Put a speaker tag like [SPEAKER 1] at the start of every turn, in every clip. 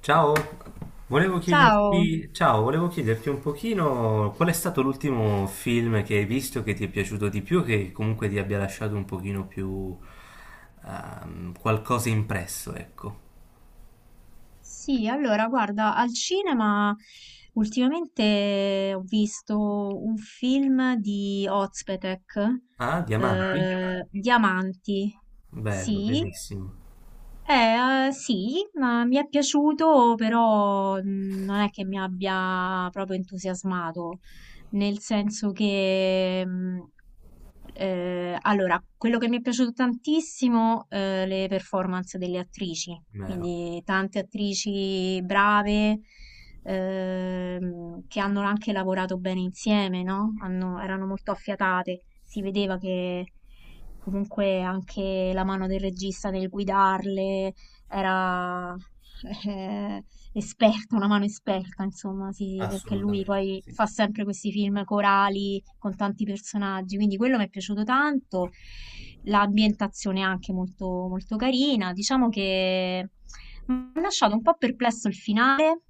[SPEAKER 1] Ciao, volevo
[SPEAKER 2] Ciao,
[SPEAKER 1] chiederti, ciao, volevo chiederti un pochino qual è stato l'ultimo film che hai visto che ti è piaciuto di più, che comunque ti abbia lasciato un pochino più qualcosa impresso, ecco.
[SPEAKER 2] sì, allora guarda, al cinema ultimamente ho visto un film di Ozpetek,
[SPEAKER 1] Ah, Diamanti?
[SPEAKER 2] Diamanti,
[SPEAKER 1] Bello,
[SPEAKER 2] sì.
[SPEAKER 1] bellissimo,
[SPEAKER 2] Sì, ma mi è piaciuto, però non è che mi abbia proprio entusiasmato, nel senso che, allora, quello che mi è piaciuto tantissimo, le performance delle attrici,
[SPEAKER 1] vero.
[SPEAKER 2] quindi tante attrici brave, che hanno anche lavorato bene insieme, no? Erano molto affiatate, si vedeva che comunque anche la mano del regista nel guidarle era eh, esperta, una mano esperta, insomma, sì, sì, perché lui
[SPEAKER 1] Assolutamente,
[SPEAKER 2] poi
[SPEAKER 1] sì.
[SPEAKER 2] fa sempre questi film corali con tanti personaggi, quindi quello mi è piaciuto tanto. L'ambientazione è anche molto, molto carina. Diciamo che mi ha lasciato un po' perplesso il finale,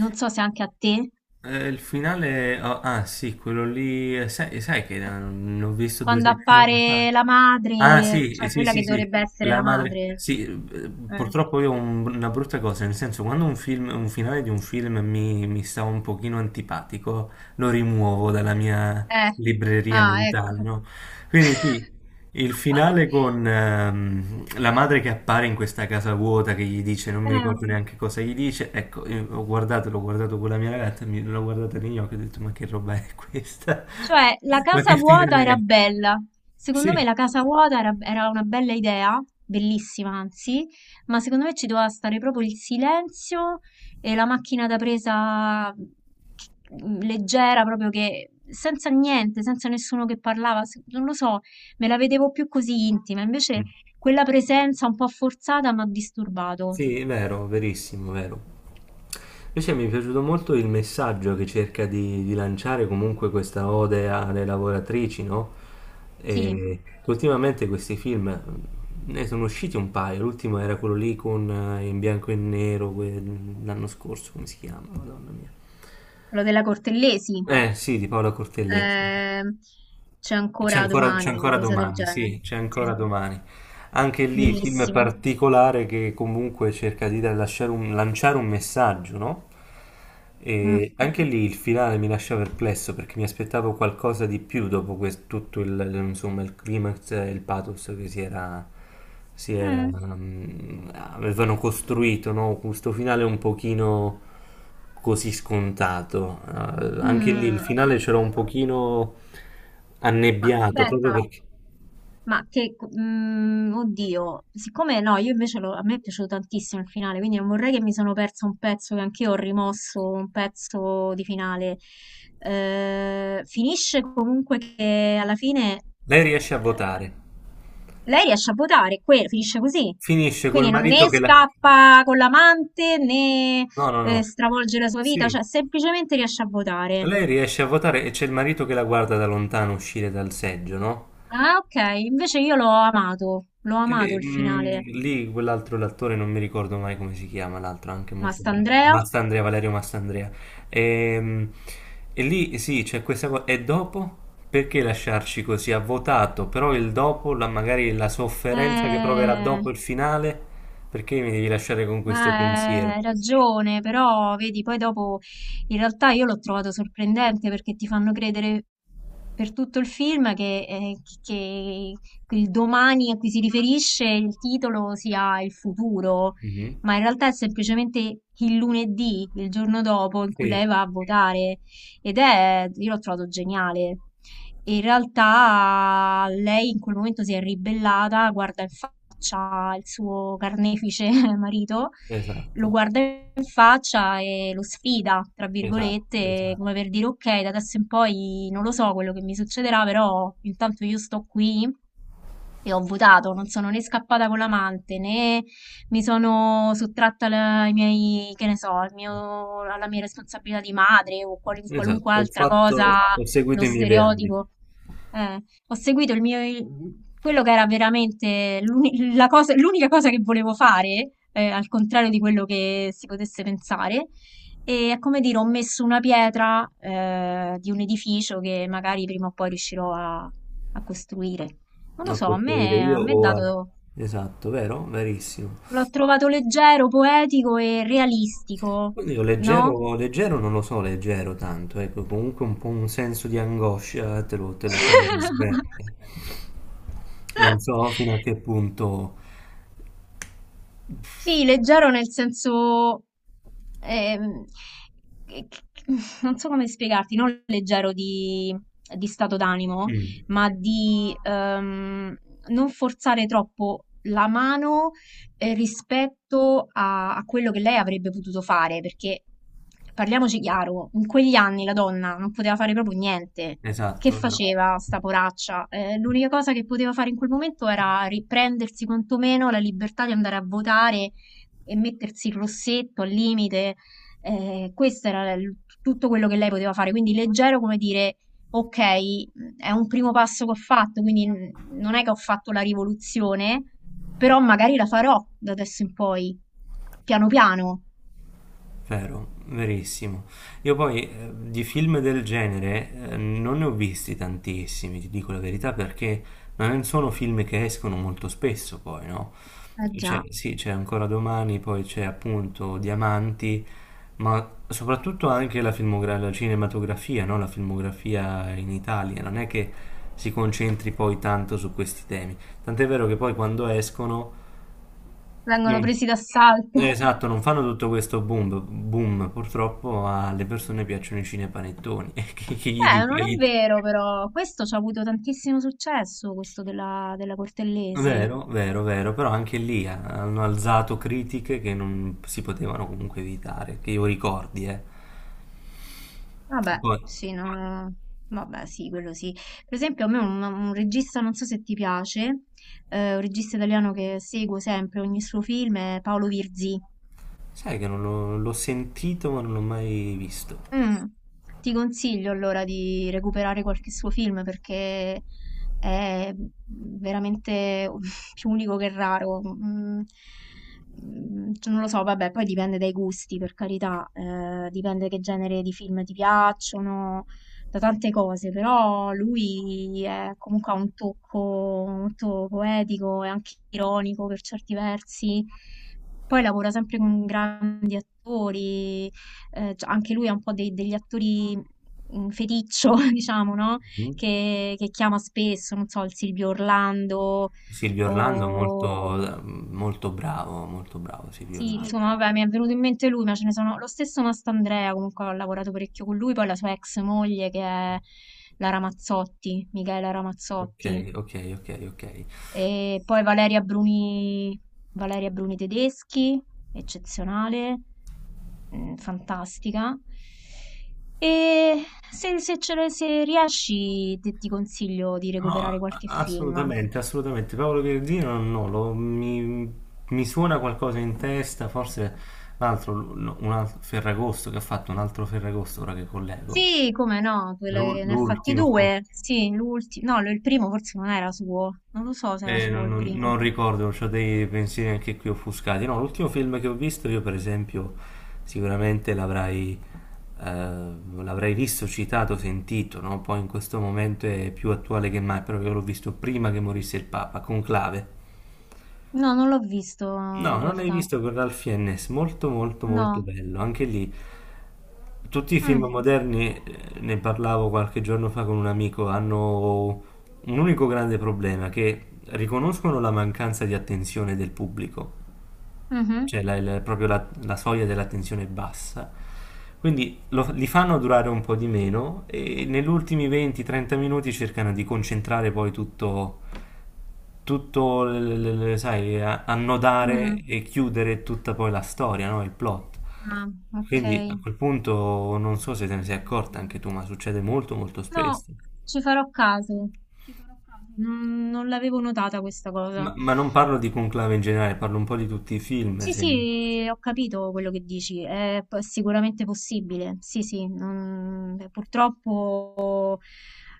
[SPEAKER 2] non so se anche a te,
[SPEAKER 1] Il finale, oh, ah sì, quello lì, sai che l'ho visto due
[SPEAKER 2] quando
[SPEAKER 1] settimane fa.
[SPEAKER 2] appare la
[SPEAKER 1] Ah
[SPEAKER 2] madre,
[SPEAKER 1] sì,
[SPEAKER 2] cioè
[SPEAKER 1] sì,
[SPEAKER 2] quella
[SPEAKER 1] sì,
[SPEAKER 2] che
[SPEAKER 1] sì,
[SPEAKER 2] dovrebbe essere
[SPEAKER 1] la
[SPEAKER 2] la
[SPEAKER 1] madre,
[SPEAKER 2] madre.
[SPEAKER 1] sì,
[SPEAKER 2] Eh.
[SPEAKER 1] purtroppo io ho una brutta cosa, nel senso quando un film, un finale di un film mi sta un pochino antipatico, lo rimuovo dalla mia
[SPEAKER 2] Eh.
[SPEAKER 1] libreria
[SPEAKER 2] Ah,
[SPEAKER 1] mentale,
[SPEAKER 2] ecco.
[SPEAKER 1] no? Quindi sì, il finale con la madre che appare in questa casa vuota che gli dice, non mi
[SPEAKER 2] Eh.
[SPEAKER 1] ricordo neanche cosa gli dice, ecco, io ho guardato, l'ho guardato con la mia ragazza, l'ho guardata negli occhi e ho detto, ma che roba è questa?
[SPEAKER 2] Cioè, la
[SPEAKER 1] Ma
[SPEAKER 2] casa
[SPEAKER 1] che
[SPEAKER 2] vuota
[SPEAKER 1] finale
[SPEAKER 2] era
[SPEAKER 1] è?
[SPEAKER 2] bella. Secondo me
[SPEAKER 1] Sì.
[SPEAKER 2] la casa vuota era una bella idea, bellissima anzi, ma secondo me ci doveva stare proprio il silenzio e la macchina da presa che- leggera, proprio che senza niente, senza nessuno che parlava, non lo so, me la vedevo più così intima. Invece
[SPEAKER 1] Mm.
[SPEAKER 2] quella presenza un po' forzata mi ha disturbato.
[SPEAKER 1] Sì, è vero, verissimo, vero. Invece mi è piaciuto molto il messaggio che cerca di lanciare comunque questa ode alle lavoratrici, no?
[SPEAKER 2] Sì,
[SPEAKER 1] E ultimamente questi film ne sono usciti un paio, l'ultimo era quello lì con in bianco e nero, l'anno scorso, come si chiama? Madonna mia.
[SPEAKER 2] quello della Cortellesi.
[SPEAKER 1] Eh sì, di Paola Cortellesi.
[SPEAKER 2] Eh, c'è ancora
[SPEAKER 1] C'è
[SPEAKER 2] domani, una
[SPEAKER 1] ancora
[SPEAKER 2] cosa del
[SPEAKER 1] domani, sì,
[SPEAKER 2] genere.
[SPEAKER 1] c'è ancora
[SPEAKER 2] Sì.
[SPEAKER 1] domani. Anche lì, film
[SPEAKER 2] Bellissimo.
[SPEAKER 1] particolare che comunque cerca di lasciare lanciare un messaggio, no? E
[SPEAKER 2] Mh-mh.
[SPEAKER 1] anche lì il finale mi lascia perplesso perché mi aspettavo qualcosa di più dopo tutto il, insomma, il climax e il pathos che
[SPEAKER 2] Mh.
[SPEAKER 1] avevano costruito, no? Questo finale un pochino così scontato. Anche lì il
[SPEAKER 2] Mh.
[SPEAKER 1] finale ce l'ho un pochino
[SPEAKER 2] Ma
[SPEAKER 1] annebbiato, proprio
[SPEAKER 2] aspetta.
[SPEAKER 1] perché
[SPEAKER 2] Oddio, siccome no, io invece lo a me è piaciuto tantissimo il finale, quindi non vorrei che mi sono persa un pezzo, che anch'io ho rimosso, un pezzo di finale. Finisce comunque che alla fine,
[SPEAKER 1] lei riesce a
[SPEAKER 2] ehm
[SPEAKER 1] votare.
[SPEAKER 2] lei riesce a votare, finisce così.
[SPEAKER 1] Finisce col
[SPEAKER 2] Quindi non
[SPEAKER 1] marito
[SPEAKER 2] né
[SPEAKER 1] che la...
[SPEAKER 2] scappa con l'amante né
[SPEAKER 1] No, no, no.
[SPEAKER 2] stravolge la sua vita,
[SPEAKER 1] Sì.
[SPEAKER 2] cioè semplicemente riesce a votare.
[SPEAKER 1] Lei riesce a votare e c'è il marito che la guarda da lontano uscire dal seggio, no?
[SPEAKER 2] Ah, ok, invece io l'ho amato
[SPEAKER 1] E,
[SPEAKER 2] il
[SPEAKER 1] mm,
[SPEAKER 2] finale.
[SPEAKER 1] lì quell'altro l'attore non mi ricordo mai come si chiama, l'altro anche
[SPEAKER 2] Ma
[SPEAKER 1] molto bravo.
[SPEAKER 2] St'Andrea?
[SPEAKER 1] Mastandrea, Valerio Mastandrea. E, mm, e lì sì, c'è questa cosa. E dopo? Perché lasciarci così? Ha votato, però il dopo, magari la sofferenza che proverà
[SPEAKER 2] Eh...
[SPEAKER 1] dopo il finale, perché mi devi lasciare con questo
[SPEAKER 2] Ma
[SPEAKER 1] pensiero?
[SPEAKER 2] hai ragione, però vedi, poi dopo in realtà io l'ho trovato sorprendente perché ti fanno credere per tutto il film che il domani a cui si riferisce il titolo sia il futuro,
[SPEAKER 1] Mhm.
[SPEAKER 2] ma in realtà è semplicemente il lunedì, il giorno dopo in cui
[SPEAKER 1] Sì,
[SPEAKER 2] lei va a votare ed è, io l'ho trovato geniale. E in realtà lei in quel momento si è ribellata, guarda in faccia il suo carnefice marito, lo
[SPEAKER 1] esatto,
[SPEAKER 2] guarda in faccia e lo sfida, tra
[SPEAKER 1] esatto,
[SPEAKER 2] virgolette,
[SPEAKER 1] esatto.
[SPEAKER 2] come per dire ok, da adesso in poi non lo so quello che mi succederà, però intanto io sto qui e ho votato, non sono né scappata con l'amante né mi sono sottratta ai miei, che ne so, alla mia responsabilità di madre o
[SPEAKER 1] Esatto,
[SPEAKER 2] qualunque
[SPEAKER 1] ho
[SPEAKER 2] altra
[SPEAKER 1] fatto,
[SPEAKER 2] cosa,
[SPEAKER 1] ho seguito
[SPEAKER 2] lo
[SPEAKER 1] i miei ideali.
[SPEAKER 2] stereotipo. Ho seguito quello che era veramente l'unica cosa che volevo fare, al contrario di quello che si potesse pensare. E è come dire, ho messo una pietra, di un edificio che magari prima o poi riuscirò a costruire. Non lo
[SPEAKER 1] A
[SPEAKER 2] so,
[SPEAKER 1] costruire io
[SPEAKER 2] a me è
[SPEAKER 1] o a...
[SPEAKER 2] dato,
[SPEAKER 1] Esatto, vero? Verissimo.
[SPEAKER 2] l'ho trovato leggero, poetico e realistico,
[SPEAKER 1] Quindi io
[SPEAKER 2] no?
[SPEAKER 1] leggero, leggero non lo so, leggero tanto, ecco, comunque un po' un senso di angoscia te lo, te lo, te lo trasmette. Non so fino a che punto...
[SPEAKER 2] Sì, leggero nel senso, ehm, che- che- non so come spiegarti, non leggero di stato d'animo,
[SPEAKER 1] Mm,
[SPEAKER 2] ma di non forzare troppo la mano rispetto a quello che lei avrebbe potuto fare, perché parliamoci chiaro, in quegli anni la donna non poteva fare proprio niente. Che
[SPEAKER 1] esatto, vero?
[SPEAKER 2] faceva sta poraccia? L'unica cosa che poteva fare in quel momento era riprendersi quantomeno la libertà di andare a votare e mettersi il rossetto al limite. Questo era l tutto quello che lei poteva fare, quindi leggero come dire: "Okay, è un primo passo che ho fatto, quindi n non è che ho fatto la rivoluzione, però magari la farò da adesso in poi, piano piano".
[SPEAKER 1] Vero, verissimo. Io poi di film del genere non ne ho visti tantissimi, ti dico la verità, perché non sono film che escono molto spesso poi, no?
[SPEAKER 2] Eh già,
[SPEAKER 1] Sì, c'è ancora domani, poi c'è appunto Diamanti, ma soprattutto anche la la cinematografia, no? La filmografia in Italia, non è che si concentri poi tanto su questi temi. Tant'è vero che poi quando escono
[SPEAKER 2] vengono
[SPEAKER 1] non-
[SPEAKER 2] presi d'assalto.
[SPEAKER 1] esatto, non fanno tutto questo boom, boom. Purtroppo alle persone piacciono i cinepanettoni. Che gli
[SPEAKER 2] Beh,
[SPEAKER 1] dica?
[SPEAKER 2] non è vero però, questo ci ha avuto tantissimo successo, questo della Cortellesi.
[SPEAKER 1] Vero, vero, vero, però anche lì hanno alzato critiche che non si potevano comunque evitare, che io ricordi, eh.
[SPEAKER 2] Vabbè,
[SPEAKER 1] Poi,
[SPEAKER 2] sì, no, vabbè, sì, quello sì. Per esempio, a me un regista, non so se ti piace, un regista italiano che seguo sempre ogni suo film è Paolo Virzì.
[SPEAKER 1] sai che non l'ho sentito ma non l'ho mai visto.
[SPEAKER 2] Mh. Ti consiglio allora di recuperare qualche suo film perché è veramente u più unico che raro. Mhmm, cioè non lo so, vabbè, poi dipende dai gusti, per carità, dipende che genere di film ti piacciono, da tante cose, però lui è comunque ha un tocco molto poetico e anche ironico per certi versi. Poi lavora sempre con grandi attori, c anche lui è un po' dei degli attori, feticcio diciamo, no,
[SPEAKER 1] Mhm.
[SPEAKER 2] che chiama spesso, non so, il Silvio Orlando. Sì.
[SPEAKER 1] Silvio Orlando è
[SPEAKER 2] O
[SPEAKER 1] molto, molto bravo Silvio
[SPEAKER 2] sì,
[SPEAKER 1] Orlando.
[SPEAKER 2] insomma vabbè, mi è venuto in mente lui, ma ce ne sono. Lo stesso Mastandrea comunque ho lavorato parecchio con lui, poi la sua ex moglie che è la Ramazzotti, Michaela
[SPEAKER 1] Ok,
[SPEAKER 2] Ramazzotti.
[SPEAKER 1] ok, ok, ok.
[SPEAKER 2] E poi Valeria Bruni, Valeria Bruni Tedeschi, eccezionale, mm, fantastica. E se riesci, ti consiglio di recuperare
[SPEAKER 1] No,
[SPEAKER 2] qualche film.
[SPEAKER 1] assolutamente, assolutamente. Paolo Verdino no, mi suona qualcosa in testa, forse l'altro, no, un altro Ferragosto che ha fatto un altro Ferragosto ora che collego.
[SPEAKER 2] Sì, come no, ne ha fatti
[SPEAKER 1] L'ultimo.
[SPEAKER 2] due. Sì, l'ultimo, no, il primo forse non era suo, non lo so se era suo
[SPEAKER 1] Non,
[SPEAKER 2] il
[SPEAKER 1] non- non
[SPEAKER 2] primo.
[SPEAKER 1] ricordo, ho dei pensieri anche qui offuscati. No, l'ultimo film che ho visto io, per esempio, sicuramente l'avrai eh, l'avrei visto, citato, sentito, no? Poi in questo momento è più attuale che mai, però io l'ho visto prima che morisse il Papa, Conclave.
[SPEAKER 2] No, non l'ho visto
[SPEAKER 1] No,
[SPEAKER 2] in
[SPEAKER 1] non l'hai
[SPEAKER 2] realtà.
[SPEAKER 1] visto con Ralph Fiennes, molto molto molto
[SPEAKER 2] No.
[SPEAKER 1] bello, anche lì tutti i film
[SPEAKER 2] Mm.
[SPEAKER 1] moderni, ne parlavo qualche giorno fa con un amico, hanno un unico grande problema, che riconoscono la mancanza di attenzione del pubblico,
[SPEAKER 2] Mhm.
[SPEAKER 1] cioè proprio la soglia dell'attenzione è bassa, quindi li fanno durare un po' di meno e negli ultimi 20-30 minuti cercano di concentrare poi tutto, sai, annodare
[SPEAKER 2] Mm.
[SPEAKER 1] e chiudere tutta poi la storia, no? Il plot.
[SPEAKER 2] Ah, ok.
[SPEAKER 1] Quindi a quel punto non so se te ne sei accorta anche tu, ma succede molto molto
[SPEAKER 2] No,
[SPEAKER 1] spesso.
[SPEAKER 2] ci farò caso. Ci farò caso. Non l'avevo notata questa
[SPEAKER 1] Ma,
[SPEAKER 2] cosa.
[SPEAKER 1] ma non parlo di Conclave in generale, parlo un po' di tutti i film,
[SPEAKER 2] Sì,
[SPEAKER 1] se...
[SPEAKER 2] sì, ho capito quello che dici, è sicuramente possibile. Sì, sì, purtroppo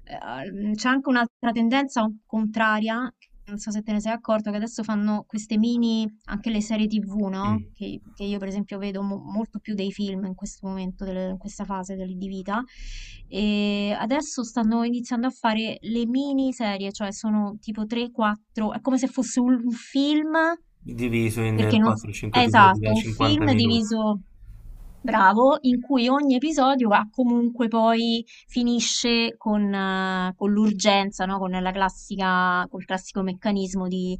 [SPEAKER 2] c'è anche un'altra tendenza contraria, non so se te ne sei accorto, che adesso fanno queste mini anche le serie TV, no?
[SPEAKER 1] Mm.
[SPEAKER 2] Che io per esempio vedo molto più dei film in questo momento, in questa fase di vita. E adesso stanno iniziando a fare le miniserie, cioè sono tipo 3-4, è come se fosse un film,
[SPEAKER 1] Diviso in
[SPEAKER 2] perché non...
[SPEAKER 1] 4-5 episodi da
[SPEAKER 2] Esatto, un
[SPEAKER 1] 50
[SPEAKER 2] film
[SPEAKER 1] minuti.
[SPEAKER 2] diviso, bravo, in cui ogni episodio ha comunque poi finisce con l'urgenza, no? Con la classica, col classico meccanismo di,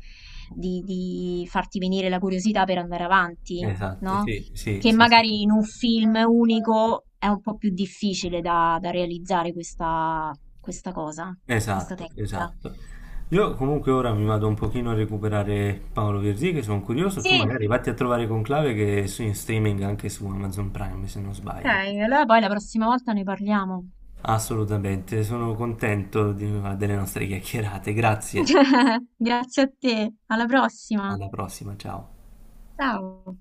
[SPEAKER 2] di farti venire la curiosità per andare avanti,
[SPEAKER 1] Esatto,
[SPEAKER 2] no?
[SPEAKER 1] sì, sì,
[SPEAKER 2] Che
[SPEAKER 1] sì, sì.
[SPEAKER 2] magari in un film unico è un po' più difficile da realizzare questa, questa cosa, questa
[SPEAKER 1] Esatto,
[SPEAKER 2] tecnica.
[SPEAKER 1] esatto. Io comunque ora mi vado un pochino a recuperare Paolo Virzì, che sono curioso. Tu
[SPEAKER 2] Sì,
[SPEAKER 1] magari vatti a trovare Conclave che è in streaming anche su Amazon Prime, se non
[SPEAKER 2] ok,
[SPEAKER 1] sbaglio.
[SPEAKER 2] allora poi la prossima volta ne parliamo.
[SPEAKER 1] Assolutamente, sono contento delle nostre chiacchierate. Grazie,
[SPEAKER 2] Grazie a te, alla prossima.
[SPEAKER 1] alla prossima, ciao.
[SPEAKER 2] Ciao.